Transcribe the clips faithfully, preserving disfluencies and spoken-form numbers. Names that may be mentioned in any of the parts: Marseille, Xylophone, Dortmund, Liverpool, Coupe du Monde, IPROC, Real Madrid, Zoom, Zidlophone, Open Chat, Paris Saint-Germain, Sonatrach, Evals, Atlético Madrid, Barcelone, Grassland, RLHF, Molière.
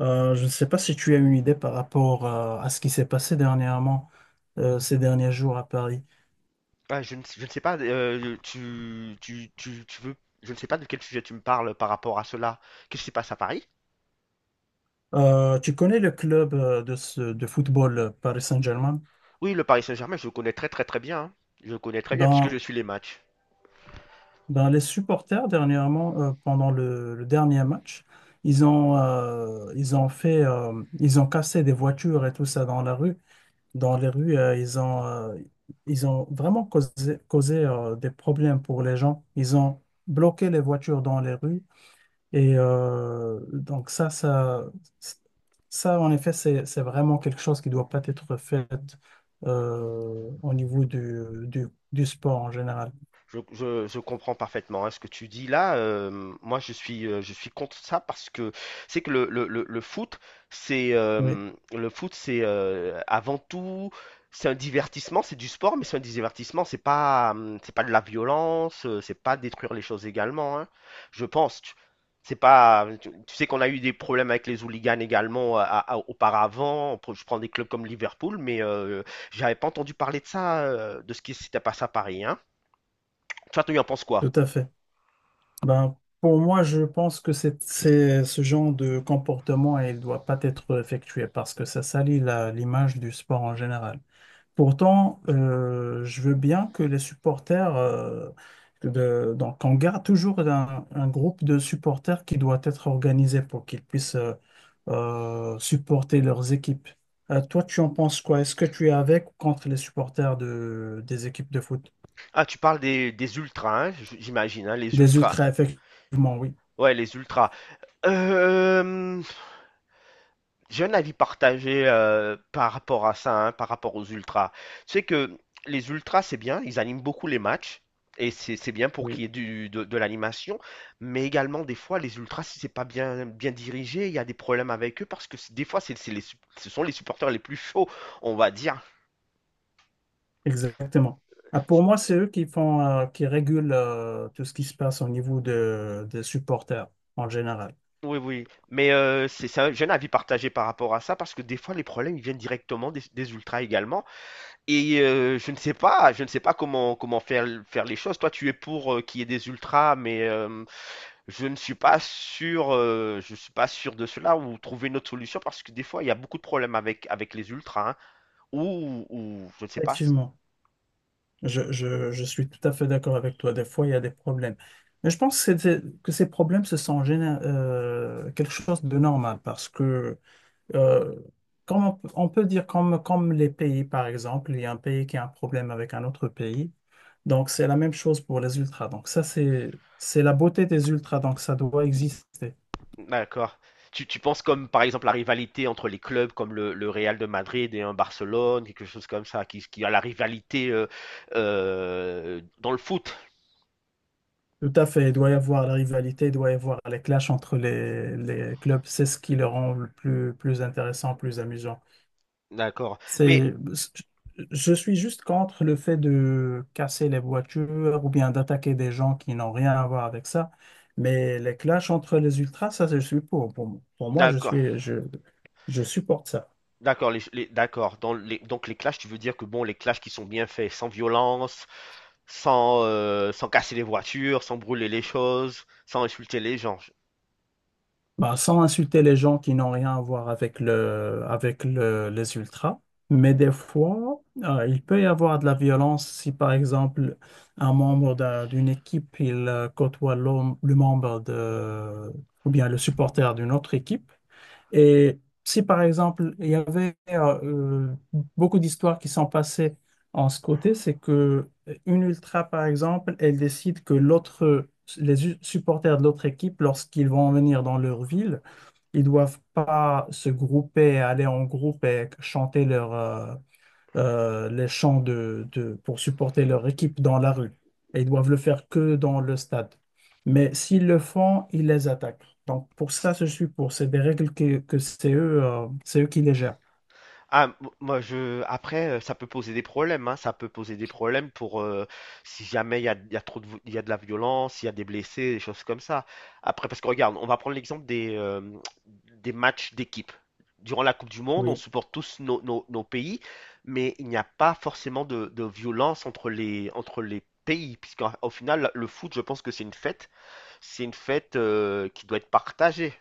Euh, je ne sais pas si tu as une idée par rapport euh, à ce qui s'est passé dernièrement, euh, ces derniers jours à Paris. Ah, je ne, sais- je ne sais pas, euh, tu, tu, tu, tu veux, je ne sais pas de quel sujet tu me parles par rapport à cela. Qu'est-ce qui se passe à Paris? Euh, tu connais le club euh, de, ce- de football euh, Paris Saint-Germain? Oui, le Paris Saint-Germain, je le connais très très très bien, hein. Je le connais très bien puisque Ben, je suis les matchs. ben, les supporters dernièrement, euh, pendant le, le dernier match, ils ont, euh, ils ont fait, euh, ils ont cassé des voitures et tout ça dans la rue. Dans les rues, euh, ils ont, euh, ils ont vraiment causé, causé, euh, des problèmes pour les gens. Ils ont bloqué les voitures dans les rues. Et euh, donc ça, ça, ça, en effet, c'est, c'est vraiment quelque chose qui doit pas être fait euh, au niveau du, du, du sport en général. Je, je- je comprends parfaitement, hein, ce que tu dis là. Euh, moi, je suis, euh, je suis contre ça parce que c'est que le, le, le, le foot, c'est Oui, euh, le foot, c'est euh, avant tout, c'est un divertissement, c'est du sport, mais c'est un divertissement. C'est pas, hum, c'est pas de la violence, euh, c'est pas détruire les choses également, hein. Je pense. Tu- C'est pas, tu, tu sais qu'on a eu des problèmes avec les hooligans également euh, à- à- auparavant. Je prends des clubs comme Liverpool, mais euh, j'avais pas entendu parler de ça, euh, de ce qui s'était passé à Paris, hein. Toi, tu en penses tout quoi? à fait. Ben, pour moi, je pense que c'est, c'est ce genre de comportement, il doit pas être effectué parce que ça salit la- l'image du sport en général. Pourtant, euh, je veux bien que les supporters, euh, de- donc on garde toujours un, un groupe de supporters qui doit être organisé pour qu'ils puissent euh, euh, supporter leurs équipes. Euh, toi, tu en penses quoi? Est-ce que tu es avec ou contre les supporters de, des équipes de foot? Ah, tu parles des, des ultras, hein, j- j'imagine, hein, les Des ultras. ultras, effectivement, oui. Ouais, les ultras. Euh, j'ai un avis partagé euh, par rapport à ça, hein, par rapport aux ultras. Tu sais que les ultras, c'est bien, ils animent beaucoup les matchs, et c'est c'est bien pour qu'il y Oui, ait du- de, de l'animation, mais également, des fois, les ultras, si c'est pas bien, bien dirigé, il y a des problèmes avec eux, parce que c'est- des fois, c'est, c'est les, sup- ce sont les supporters les plus chauds, on va dire. exactement. Ah, pour moi, c'est eux qui font, euh, qui régulent euh, tout ce qui se passe au niveau de, des supporters en général. Oui, oui, mais euh, c'est c'est un- j'ai un avis partagé par rapport à ça parce que des fois les problèmes ils viennent directement des, des ultras également et euh, je ne sais pas, je ne sais pas comment comment faire faire les choses. Toi, tu es pour euh, qu'il y ait des ultras, mais euh, je ne suis pas sûr, euh, je suis pas sûr de cela ou trouver une autre solution parce que des fois il y a beaucoup de problèmes avec avec les ultras, hein, ou, ou je ne sais pas. Effectivement. Je, je- je suis tout à fait d'accord avec toi. Des fois, il y a des problèmes. Mais je pense que, c'est- que ces problèmes, ce sont géné- euh, quelque chose de normal parce que, euh, comme on, peut on peut dire, comme, comme les pays, par exemple, il y a un pays qui a un problème avec un autre pays. Donc, c'est la même chose pour les ultras. Donc, ça, c'est, c'est la beauté des ultras. Donc, ça doit exister. D'accord. Tu, tu penses comme par exemple la rivalité entre les clubs comme le, le Real de Madrid et un Barcelone, quelque chose comme ça, qui, qui a la rivalité euh, euh, dans le foot. Tout à fait. Il doit y avoir la rivalité, il doit y avoir les clashs entre les, les clubs. C'est ce qui le rend le plus, plus intéressant, plus amusant. D'accord. Mais C'est, je suis juste contre le fait de casser les voitures ou bien d'attaquer des gens qui n'ont rien à voir avec ça. Mais les clashs entre les ultras, ça, je suis pour. Pour, pour moi, je d'accord, suis, je, je supporte ça. d'accord, les, les- d'accord. Dans les, donc les clashs, tu veux dire que bon, les clashs qui sont bien faits, sans violence, sans, euh, sans casser les voitures, sans brûler les choses, sans insulter les gens. Bah, sans insulter les gens qui n'ont rien à voir avec le, avec le- les ultras. Mais des fois, euh, il peut y avoir de la violence si, par exemple, un membre d'un- d'une équipe, il euh, côtoie l'homme- le membre de, ou bien le supporter d'une autre équipe. Et si, par exemple, il y avait euh, beaucoup d'histoires qui sont passées en ce côté, c'est que une ultra, par exemple, elle décide que l'autre, les u- supporters de l'autre équipe, lorsqu'ils vont venir dans leur ville, ils doivent pas se grouper, aller en groupe et chanter leur, euh, euh, les champs de, de- pour supporter leur équipe dans la rue. Et ils doivent le faire que dans le stade. Mais s'ils le font, ils les attaquent. Donc pour ça, je suis pour. C'est des règles que, que c'est eux, euh, c'est eux qui les gèrent. Ah, m- moi je après euh, ça peut poser des problèmes, hein, ça peut poser des problèmes pour euh, si jamais il y a, il y a trop de vo- il y a de la violence, il y a des blessés, des choses comme ça. Après parce que regarde, on va prendre l'exemple des euh, des matchs d'équipe. Durant la Coupe du Monde, on Oui. supporte tous nos, nos- nos pays, mais il n'y a pas forcément de, de violence entre les entre les pays puisqu'au final le foot, je pense que c'est une fête, c'est une fête euh, qui doit être partagée.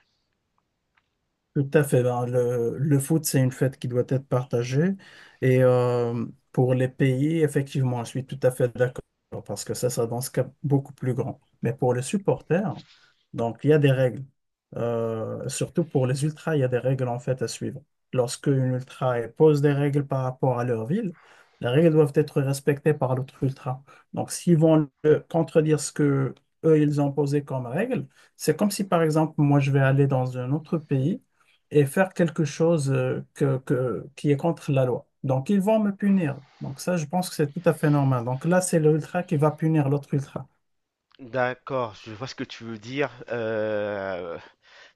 Tout à fait. Ben, le, le foot, c'est une fête qui doit être partagée. Et euh, pour les pays, effectivement, je suis tout à fait d'accord parce que ça, ça dans ce cas beaucoup plus grand. Mais pour les supporters, donc il y a des règles. Euh, surtout pour les ultras, il y a des règles en fait à suivre. Lorsque une ultra elle pose des règles par rapport à leur ville, les règles doivent être respectées par l'autre ultra. Donc s'ils vont euh, contredire ce que eux ils ont posé comme règle, c'est comme si par exemple moi je vais aller dans un autre pays et faire quelque chose euh, que, que- qui est contre la loi. Donc, ils vont me punir. Donc, ça, je pense que c'est tout à fait normal. Donc, là, c'est l'ultra qui va punir l'autre ultra. D'accord, je vois ce que tu veux dire. Euh,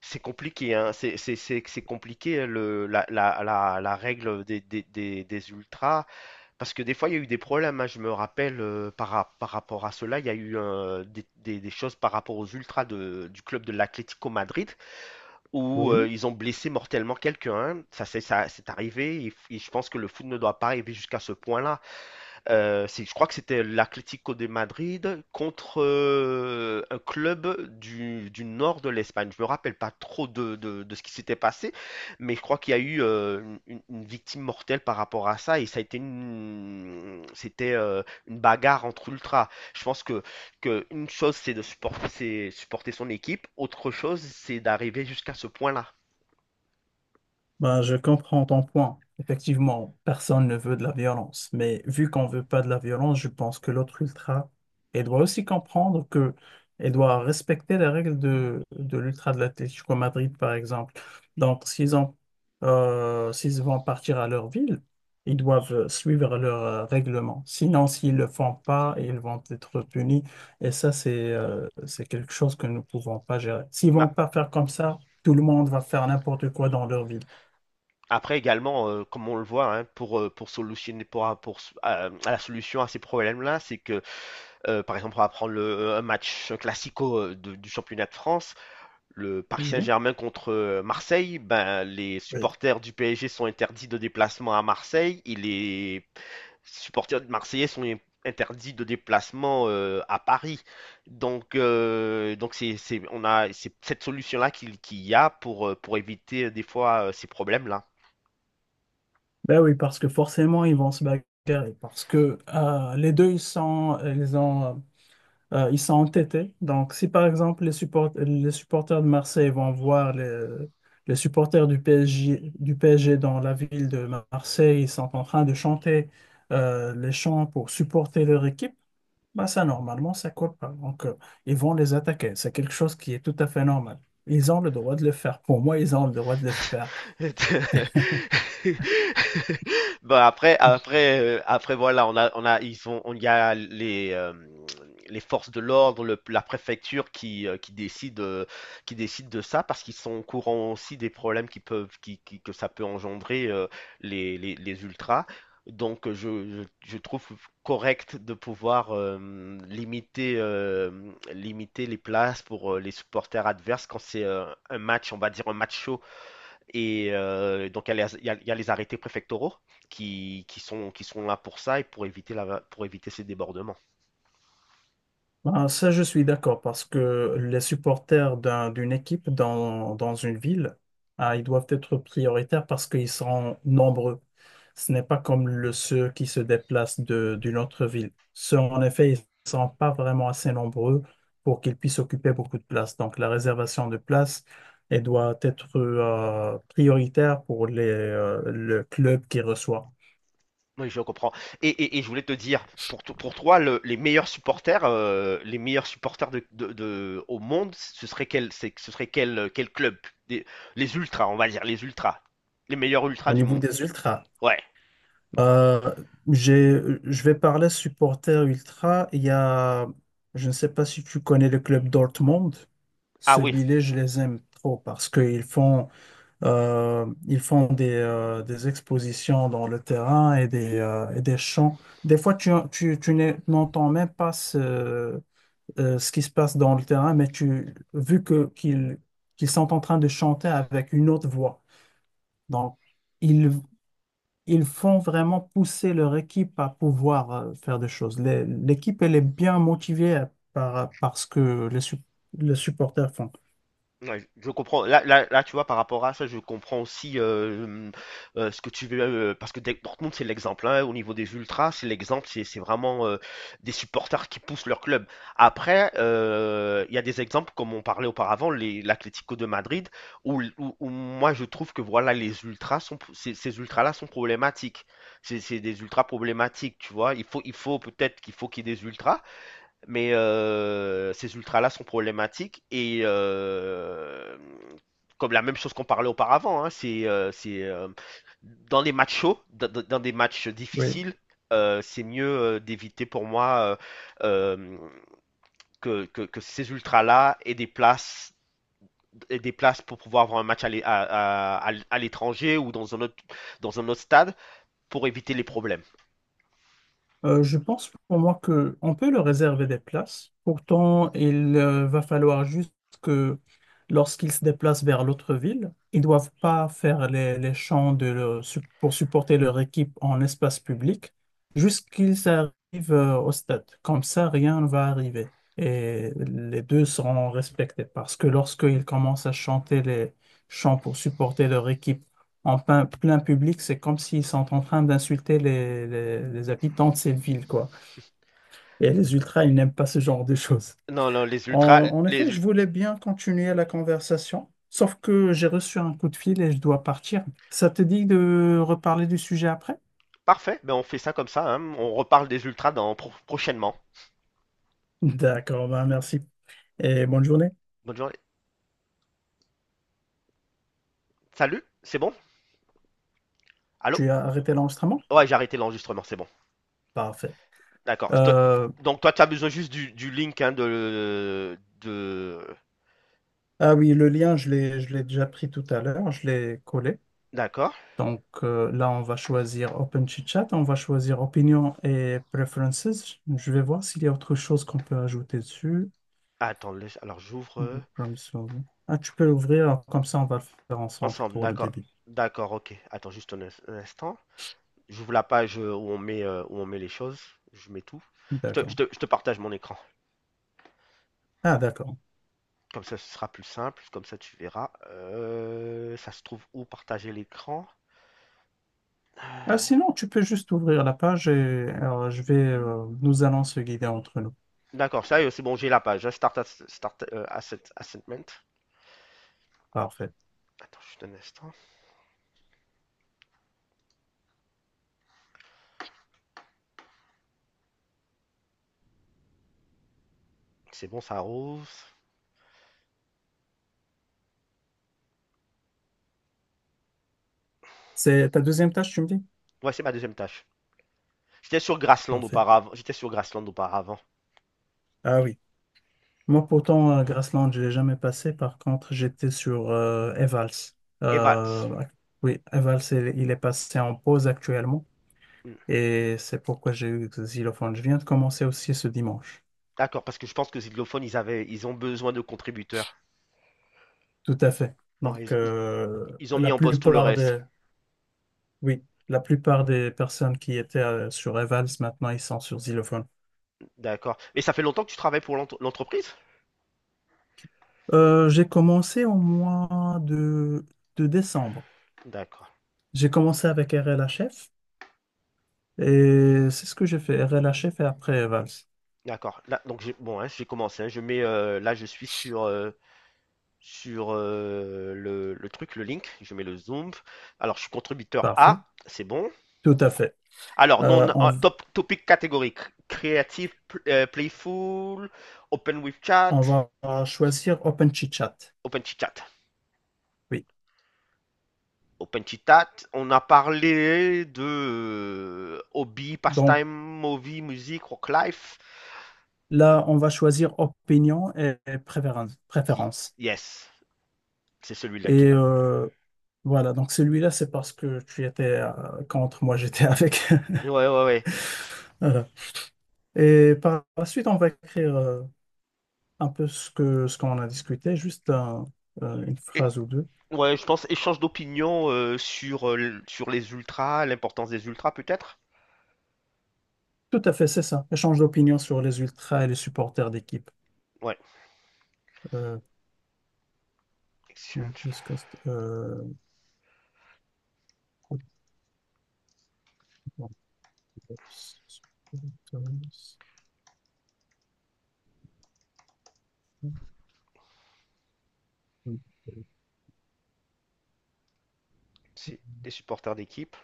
C'est compliqué, hein. C'est c'est- c'est- c'est compliqué, hein, le, la, la, la, la règle des, des, des, des ultras, parce que des fois il y a eu des problèmes, hein. Je me rappelle euh, par, ra- par rapport à cela, il y a eu euh, des, des, des choses par rapport aux ultras de, du club de l'Atlético Madrid, où euh, Oui. ils ont blessé mortellement quelqu'un, hein. Ça c'est ça, c'est arrivé, et, f- et je pense que le foot ne doit pas arriver jusqu'à ce point-là. Euh, c'est- je crois que c'était l'Atlético de Madrid contre euh, un club du, du nord de l'Espagne. Je me rappelle pas trop de, de- de ce qui s'était passé, mais je crois qu'il y a eu euh, une, une- une victime mortelle par rapport à ça et ça a été une, c'était euh, une bagarre entre ultras. Je pense que, que une chose c'est de supporter, c'est supporter son équipe, autre chose c'est d'arriver jusqu'à ce point-là. Ben, je comprends ton point. Effectivement, personne ne veut de la violence, mais vu qu'on veut pas de la violence, je pense que l'autre ultra, elle doit aussi comprendre que elle doit respecter les règles de, de l'ultra de l'Atlético Madrid, par exemple. Donc, s'ils ont, euh, s'ils vont partir à leur ville, ils doivent suivre leurs euh, règlements. Sinon, s'ils le font pas, ils vont être punis. Et ça, c'est euh, c'est quelque chose que nous ne pouvons pas gérer. S'ils Ma- vont pas faire comme ça, tout le monde va faire n'importe quoi dans leur ville. Après également, euh, comme on le voit, hein, pour, euh, pour solutionner pour, euh, pour euh, à la solution à ces problèmes-là, c'est que euh, par exemple, on va prendre le, euh, un match classico euh, de- du championnat de France, le Paris Oui. Saint-Germain contre euh, Marseille, ben, les Oui. supporters du P S G sont interdits de déplacement à Marseille et les supporters de Marseillais sont in- interdits de déplacement euh, à Paris. Donc, euh, donc c'est, c'est- on a c'est cette solution-là qu'il qu'il y a pour, euh, pour éviter euh, des fois euh, ces problèmes-là. Ben oui, parce que forcément, ils vont se bagarrer. Parce que euh, les deux, ils sont, ils ont, euh, ils sont entêtés. Donc, si par exemple, les, support- les supporters de Marseille vont voir les, les supporters du P S G, du P S G dans la ville de Marseille, ils sont en train de chanter euh, les chants pour supporter leur équipe, ben ça, normalement, ça colle pas. Donc, euh, ils vont les attaquer. C'est quelque chose qui est tout à fait normal. Ils ont le droit de le faire. Pour moi, ils ont le droit de le faire. Bon après après heu, après voilà, on a on a ils ont on y a les, hem, les forces de l'ordre, le la préfecture qui, heu, qui décide, heu, qui décide de ça parce qu'ils sont au courant aussi des problèmes qui peuvent qui qui que ça peut engendrer, heu, les les les ultras. Donc heu, je je je trouve correct de pouvoir, hem, limiter, hem, limiter les places pour, heu, les supporters adverses quand c'est, heu, un match, on va dire un match chaud. Et euh, donc, il y, a les- il y a- il y a les arrêtés préfectoraux qui, qui sont, qui sont là pour ça et pour éviter, la, pour éviter ces débordements. Ben, ça, je suis d'accord parce que les supporters d'un- d'une équipe dans, dans une ville, ah, ils doivent être prioritaires parce qu'ils sont nombreux. Ce n'est pas comme le, ceux qui se déplacent de, d'une autre ville. Ceux, en effet, ils ne sont pas vraiment assez nombreux pour qu'ils puissent occuper beaucoup de place. Donc, la réservation de place, elle doit être euh, prioritaire pour les, euh, le club qui reçoit. Oui, je comprends. Et, et- et je voulais te dire, pour, to- pour toi, le- les meilleurs supporters, euh, les meilleurs supporters de, de- de- au monde, ce serait quel, c'est- ce serait quel, quel club? Des- les ultras, on va dire, les ultras. Les meilleurs Au ultras du niveau monde. des ultras, Ouais. Euh, j'ai, je vais parler supporter ultra. Il y a, je ne sais pas si tu connais le club Dortmund. Ah oui, Celui-là, je les aime trop parce qu'ils font, euh, ils font des, euh, des expositions dans le terrain et des, euh, et des chants. Des fois, tu, tu, tu n'es- n'entends même pas ce, euh, ce qui se passe dans le terrain, mais tu, vu que qu'ils, qu'ils sont en train de chanter avec une autre voix. Donc, ils font vraiment pousser leur équipe à pouvoir euh, faire des choses. Les- L'équipe, elle est bien motivée par, par ce que les, sup- les supporters font. ouais, je comprends. Là, là, là, tu vois, par rapport à ça, je comprends aussi euh, euh, ce que tu veux. Euh, parce que Dec- Dortmund, c'est l'exemple. Hein, au niveau des ultras, c'est l'exemple. C'est c'est vraiment euh, des supporters qui poussent leur club. Après, euh, il y a des exemples, comme on parlait auparavant, les- l'Atlético de Madrid, où, où- où moi, je trouve que voilà, les ultras sont, ces, ces ultras-là sont problématiques. C'est c'est des ultras problématiques, tu vois. Il faut, il faut peut-être qu'il faut qu'il y ait des ultras, mais euh, ces ultras-là sont problématiques et euh, comme la même chose qu'on parlait auparavant, hein, c'est euh, c'est, euh, dans les matchs chauds, dans, dans des matchs Oui. difficiles, euh, c'est mieux euh, d'éviter pour moi euh, euh, que, que, que ces ultras-là aient des places aient des places pour pouvoir avoir un match à l'é- à- à- à l'étranger ou dans un autre dans un autre stade pour éviter les problèmes. Euh, je pense pour moi que on peut leur réserver des places. Pourtant, il euh, va falloir juste que lorsqu'ils se déplacent vers l'autre ville, ils ne doivent pas faire les, les champs de leur- su- pour supporter leur équipe en espace public jusqu'ils arrivent euh, au stade. Comme ça, rien ne va arriver. Et les deux seront respectés parce que lorsqu'ils commencent à chanter les chants pour supporter leur équipe en plein, plein public, c'est comme s'ils sont en train d'insulter les, les- les habitants de cette ville, quoi. Et les ultras, ils n'aiment pas ce genre de choses. Non, non, les En, ultras, en les effet, je voulais bien continuer la conversation, sauf que j'ai reçu un coup de fil et je dois partir. Ça te dit de reparler du sujet après? Parfait, ben on fait ça comme ça, hein. On reparle des ultras dans pro- prochainement. D'accord, ben merci. Et bonne journée. Bonne journée. Salut, c'est bon? Allô? Tu as arrêté l'enregistrement? Ouais, j'ai arrêté l'enregistrement, c'est bon. Parfait. D'accord. je te- Euh, Donc toi, tu as besoin juste du, du link, hein, de, de... ah oui, le lien, je l'ai, je l'ai déjà pris tout à l'heure, je l'ai collé. D'accord. Donc euh, là, on va choisir Open Chat. On va choisir Opinion et Preferences. Je vais voir s'il y a autre chose qu'on peut ajouter dessus. Attends, laisse- alors j'ouvre euh, Comme ça. Ah, tu peux l'ouvrir, comme ça on va le faire ensemble ensemble. pour le D'accord. début. D'accord, ok. Attends juste un, ins- un instant. J'ouvre la page euh, où on met, euh, où on met les choses. Je mets tout. Je te, je D'accord. te- je te partage mon écran. Ah, d'accord. Comme ça, ce sera plus simple. Comme ça, tu verras. Euh, ça se trouve où partager l'écran? Ah, sinon, tu peux juste ouvrir la page et euh, je vais, euh, nous allons se guider entre nous. D'accord, sérieux, c'est bon, j'ai la page, hein. Start, ass- start euh, asset, assetment. Parfait. Attends juste un instant. C'est bon, ça rose. C'est ta deuxième tâche, tu me dis? Ouais, c'est ma deuxième tâche. J'étais sur Grassland Parfait. auparavant. J'étais sur Grassland auparavant. Ah oui. Moi, pourtant, à Grassland, je l'ai jamais passé. Par contre, j'étais sur euh, Evals. Et Vals. Euh, ac- oui, Evals, il, il est passé en pause actuellement. Hmm. Et c'est pourquoi j'ai eu Xylophone. Je viens de commencer aussi ce dimanche. D'accord, parce que je pense que Zidlophone, ils avaient, ils ont besoin de contributeurs. Tout à fait. Ouais, Donc, ils, euh, ils ont mis la en poste tout le plupart reste. des, oui, la plupart des personnes qui étaient euh, sur Evals, maintenant, ils sont sur Xylophone. D'accord. Et ça fait longtemps que tu travailles pour l'ent- l'entreprise? Euh, j'ai commencé au mois de, de décembre. D'accord. J'ai commencé avec R L H F. Et c'est ce que j'ai fait, R L H F et après Evals. D'accord. Là, donc j'ai bon, hein, j'ai commencé, hein. Je mets euh, là, je suis sur euh, sur euh, le, le truc, le link. Je mets le zoom. Alors, je suis contributeur Parfait. A, c'est bon. Tout à fait. Alors, non, Euh, euh, on, top, topic catégorique. Creative, euh, playful, open with on chat, va choisir Open Chit Chat. open chit chat. Oui. Open chit chat, on a parlé de euh, hobby, Donc pastime, movie, musique, rock life. là, on va choisir opinion et préférence. Si. Préférence. Yes, c'est celui-là qui Et va. euh, voilà, donc celui-là, c'est parce que tu étais euh, contre, moi j'étais avec. Ouais, ouais, ouais. Voilà. Et par la suite, on va écrire euh, un peu ce que ce qu'on a discuté, juste un- euh, une Et- phrase ou deux. ouais, je pense échange d'opinion euh, sur, euh, sur les ultras, l'importance des ultras peut-être. Tout à fait, c'est ça. Échange d'opinion sur les ultras et les supporters d'équipe. Ouais. Euh, yeah, Exchange. discussed. euh, C'est les supporters d'équipe.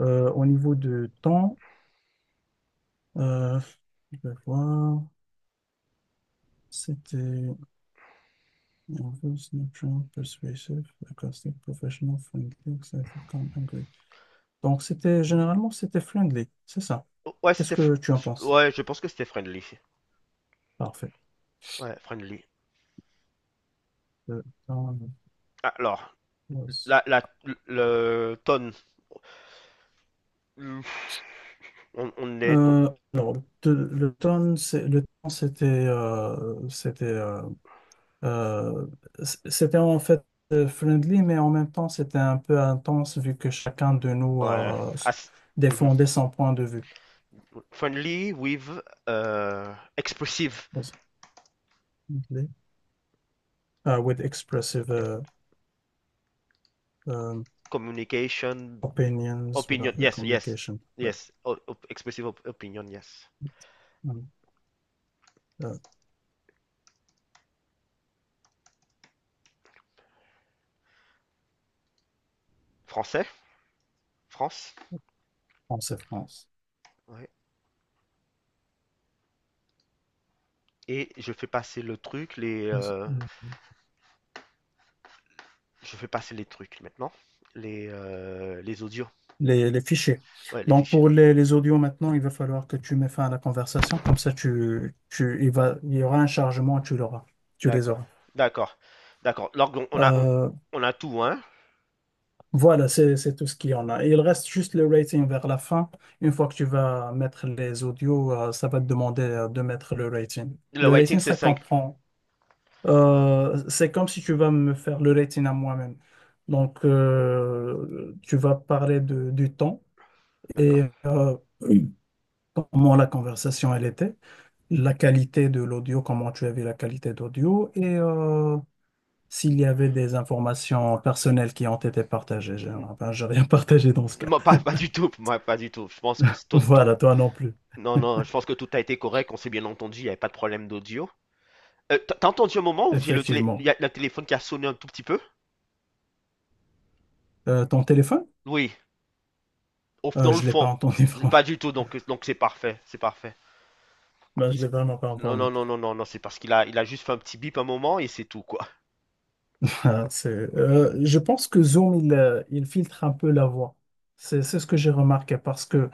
Euh, au niveau de temps, euh, je vais voir. C'était nervous, persuasive, sarcastic, professional, friendly, excited, calm, angry. Donc, c'était généralement, c'était friendly, c'est ça. Oh, ouais, Qu'est-ce c'était. f- que tu en penses? Ouais, je pense que c'était friendly. Parfait. Ouais, friendly. Le temps, Alors, nervous. la, la, le tonne. Hmm, On, on est. on- Euh, alors, le, le temps, c'est- le temps, c'était euh, c'était euh, Euh, c- c'était en fait euh, friendly, mais en même temps, c'était un peu intense vu que chacun de nous Ouais, euh, s- as- mhm. défendait son point de vue. Friendly with euh, expressive Was friendly? Uh, with expressive uh, um, communication opinions, with, uh, opinion. Yes, yes, communication. Ouais. yes. O- op- expressive op- opinion, yes. Mm. Euh, Français, France. France et France. Ouais. Et je fais passer le truc, les. euh, Mm. Je fais passer les trucs maintenant. Les, euh, les audios. Les, les fichiers. Ouais, les Donc, fichiers. pour les, les audios maintenant, il va falloir que tu mets fin à la conversation. Comme ça, tu, tu, il va, il y aura un chargement, tu l'auras. Tu les D'accord. auras. D'accord. D'accord. Donc, on on a, on, Euh, on a tout, hein? Voilà, c'est c'est tout ce qu'il y en a. Il reste juste le rating vers la fin. Une fois que tu vas mettre les audios, euh, ça va te demander euh, de mettre le rating. Le Le waiting, rating, c'est ça cinq, comprend. Euh, c'est comme si tu vas me faire le rating à moi-même. Donc, euh, tu vas parler de, du temps et D'accord. euh, oui, comment la conversation elle était, la qualité de l'audio, comment tu avais la qualité d'audio et euh, s'il y avait des informations personnelles qui ont été partagées. J'ai N- Ben, j'ai rien partagé dans ce cas. Moi, pas, pas du tout. Moi, pas du tout. Je pense que c'est tout, tout- Voilà, toi non plus, Non, non, je pense que tout a été correct. On s'est bien entendu. Il n'y avait pas de problème d'audio. Euh, t'as t'as entendu un moment où j'ai le télé... il effectivement. y a le téléphone qui a sonné un tout petit peu? Euh, ton téléphone? Oui. Au, f- Euh, dans le Je l'ai pas fond. entendu, franchement. Pas du tout. Donc, euh, donc c'est parfait. C'est parfait. Ben, je l'ai C'est- vraiment pas Non, entendu. non, non, non, non, non. C'est parce qu'il a, il a juste fait un petit bip un moment et c'est tout, quoi. Ah, c'est- euh, je pense que Zoom, il, euh, il filtre un peu la voix. C'est c'est ce que j'ai remarqué parce que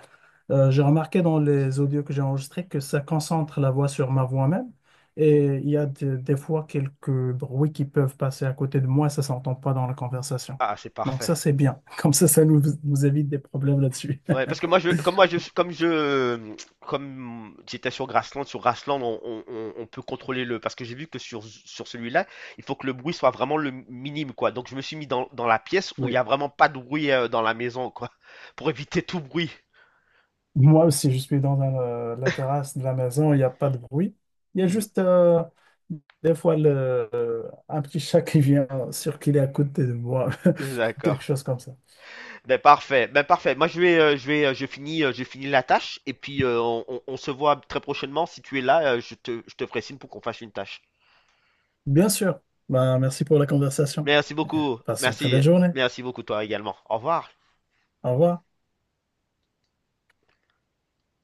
euh, j'ai remarqué dans les audios que j'ai enregistrés que ça concentre la voix sur ma voix même. Et il y a des, des fois quelques bruits qui peuvent passer à côté de moi, ça s'entend pas dans la conversation. Ah, c'est Donc parfait. ça, c'est bien. Comme ça, ça nous, nous évite des problèmes là-dessus. Ouais, parce que moi, je, comme moi, je, comme je, comme j'étais sur Grassland, sur Grassland, on, on- on- on peut contrôler le, parce que j'ai vu que sur, sur celui-là, il faut que le bruit soit vraiment le minime, quoi. Donc je me suis mis dans, dans la pièce où il y a vraiment pas de bruit euh, dans la maison, quoi, pour éviter tout bruit. Moi aussi, je suis dans un, euh, la terrasse de la maison, il n'y a pas de bruit. Il y a Mhm. juste euh, des fois le, euh, un petit chat qui vient circuler à côté de moi, D'accord. quelque chose comme ça. Ben parfait. Ben parfait. Moi, je vais, euh, je vais, euh, Je finis, euh, je finis la tâche et puis euh, on, on- on se voit très prochainement. Si tu es là, euh, je te, je te ferai signe pour qu'on fasse une tâche. Bien sûr. Ben, merci pour la conversation. Merci beaucoup. Passe une très Merci, belle journée. merci beaucoup toi également. Au revoir. Au revoir.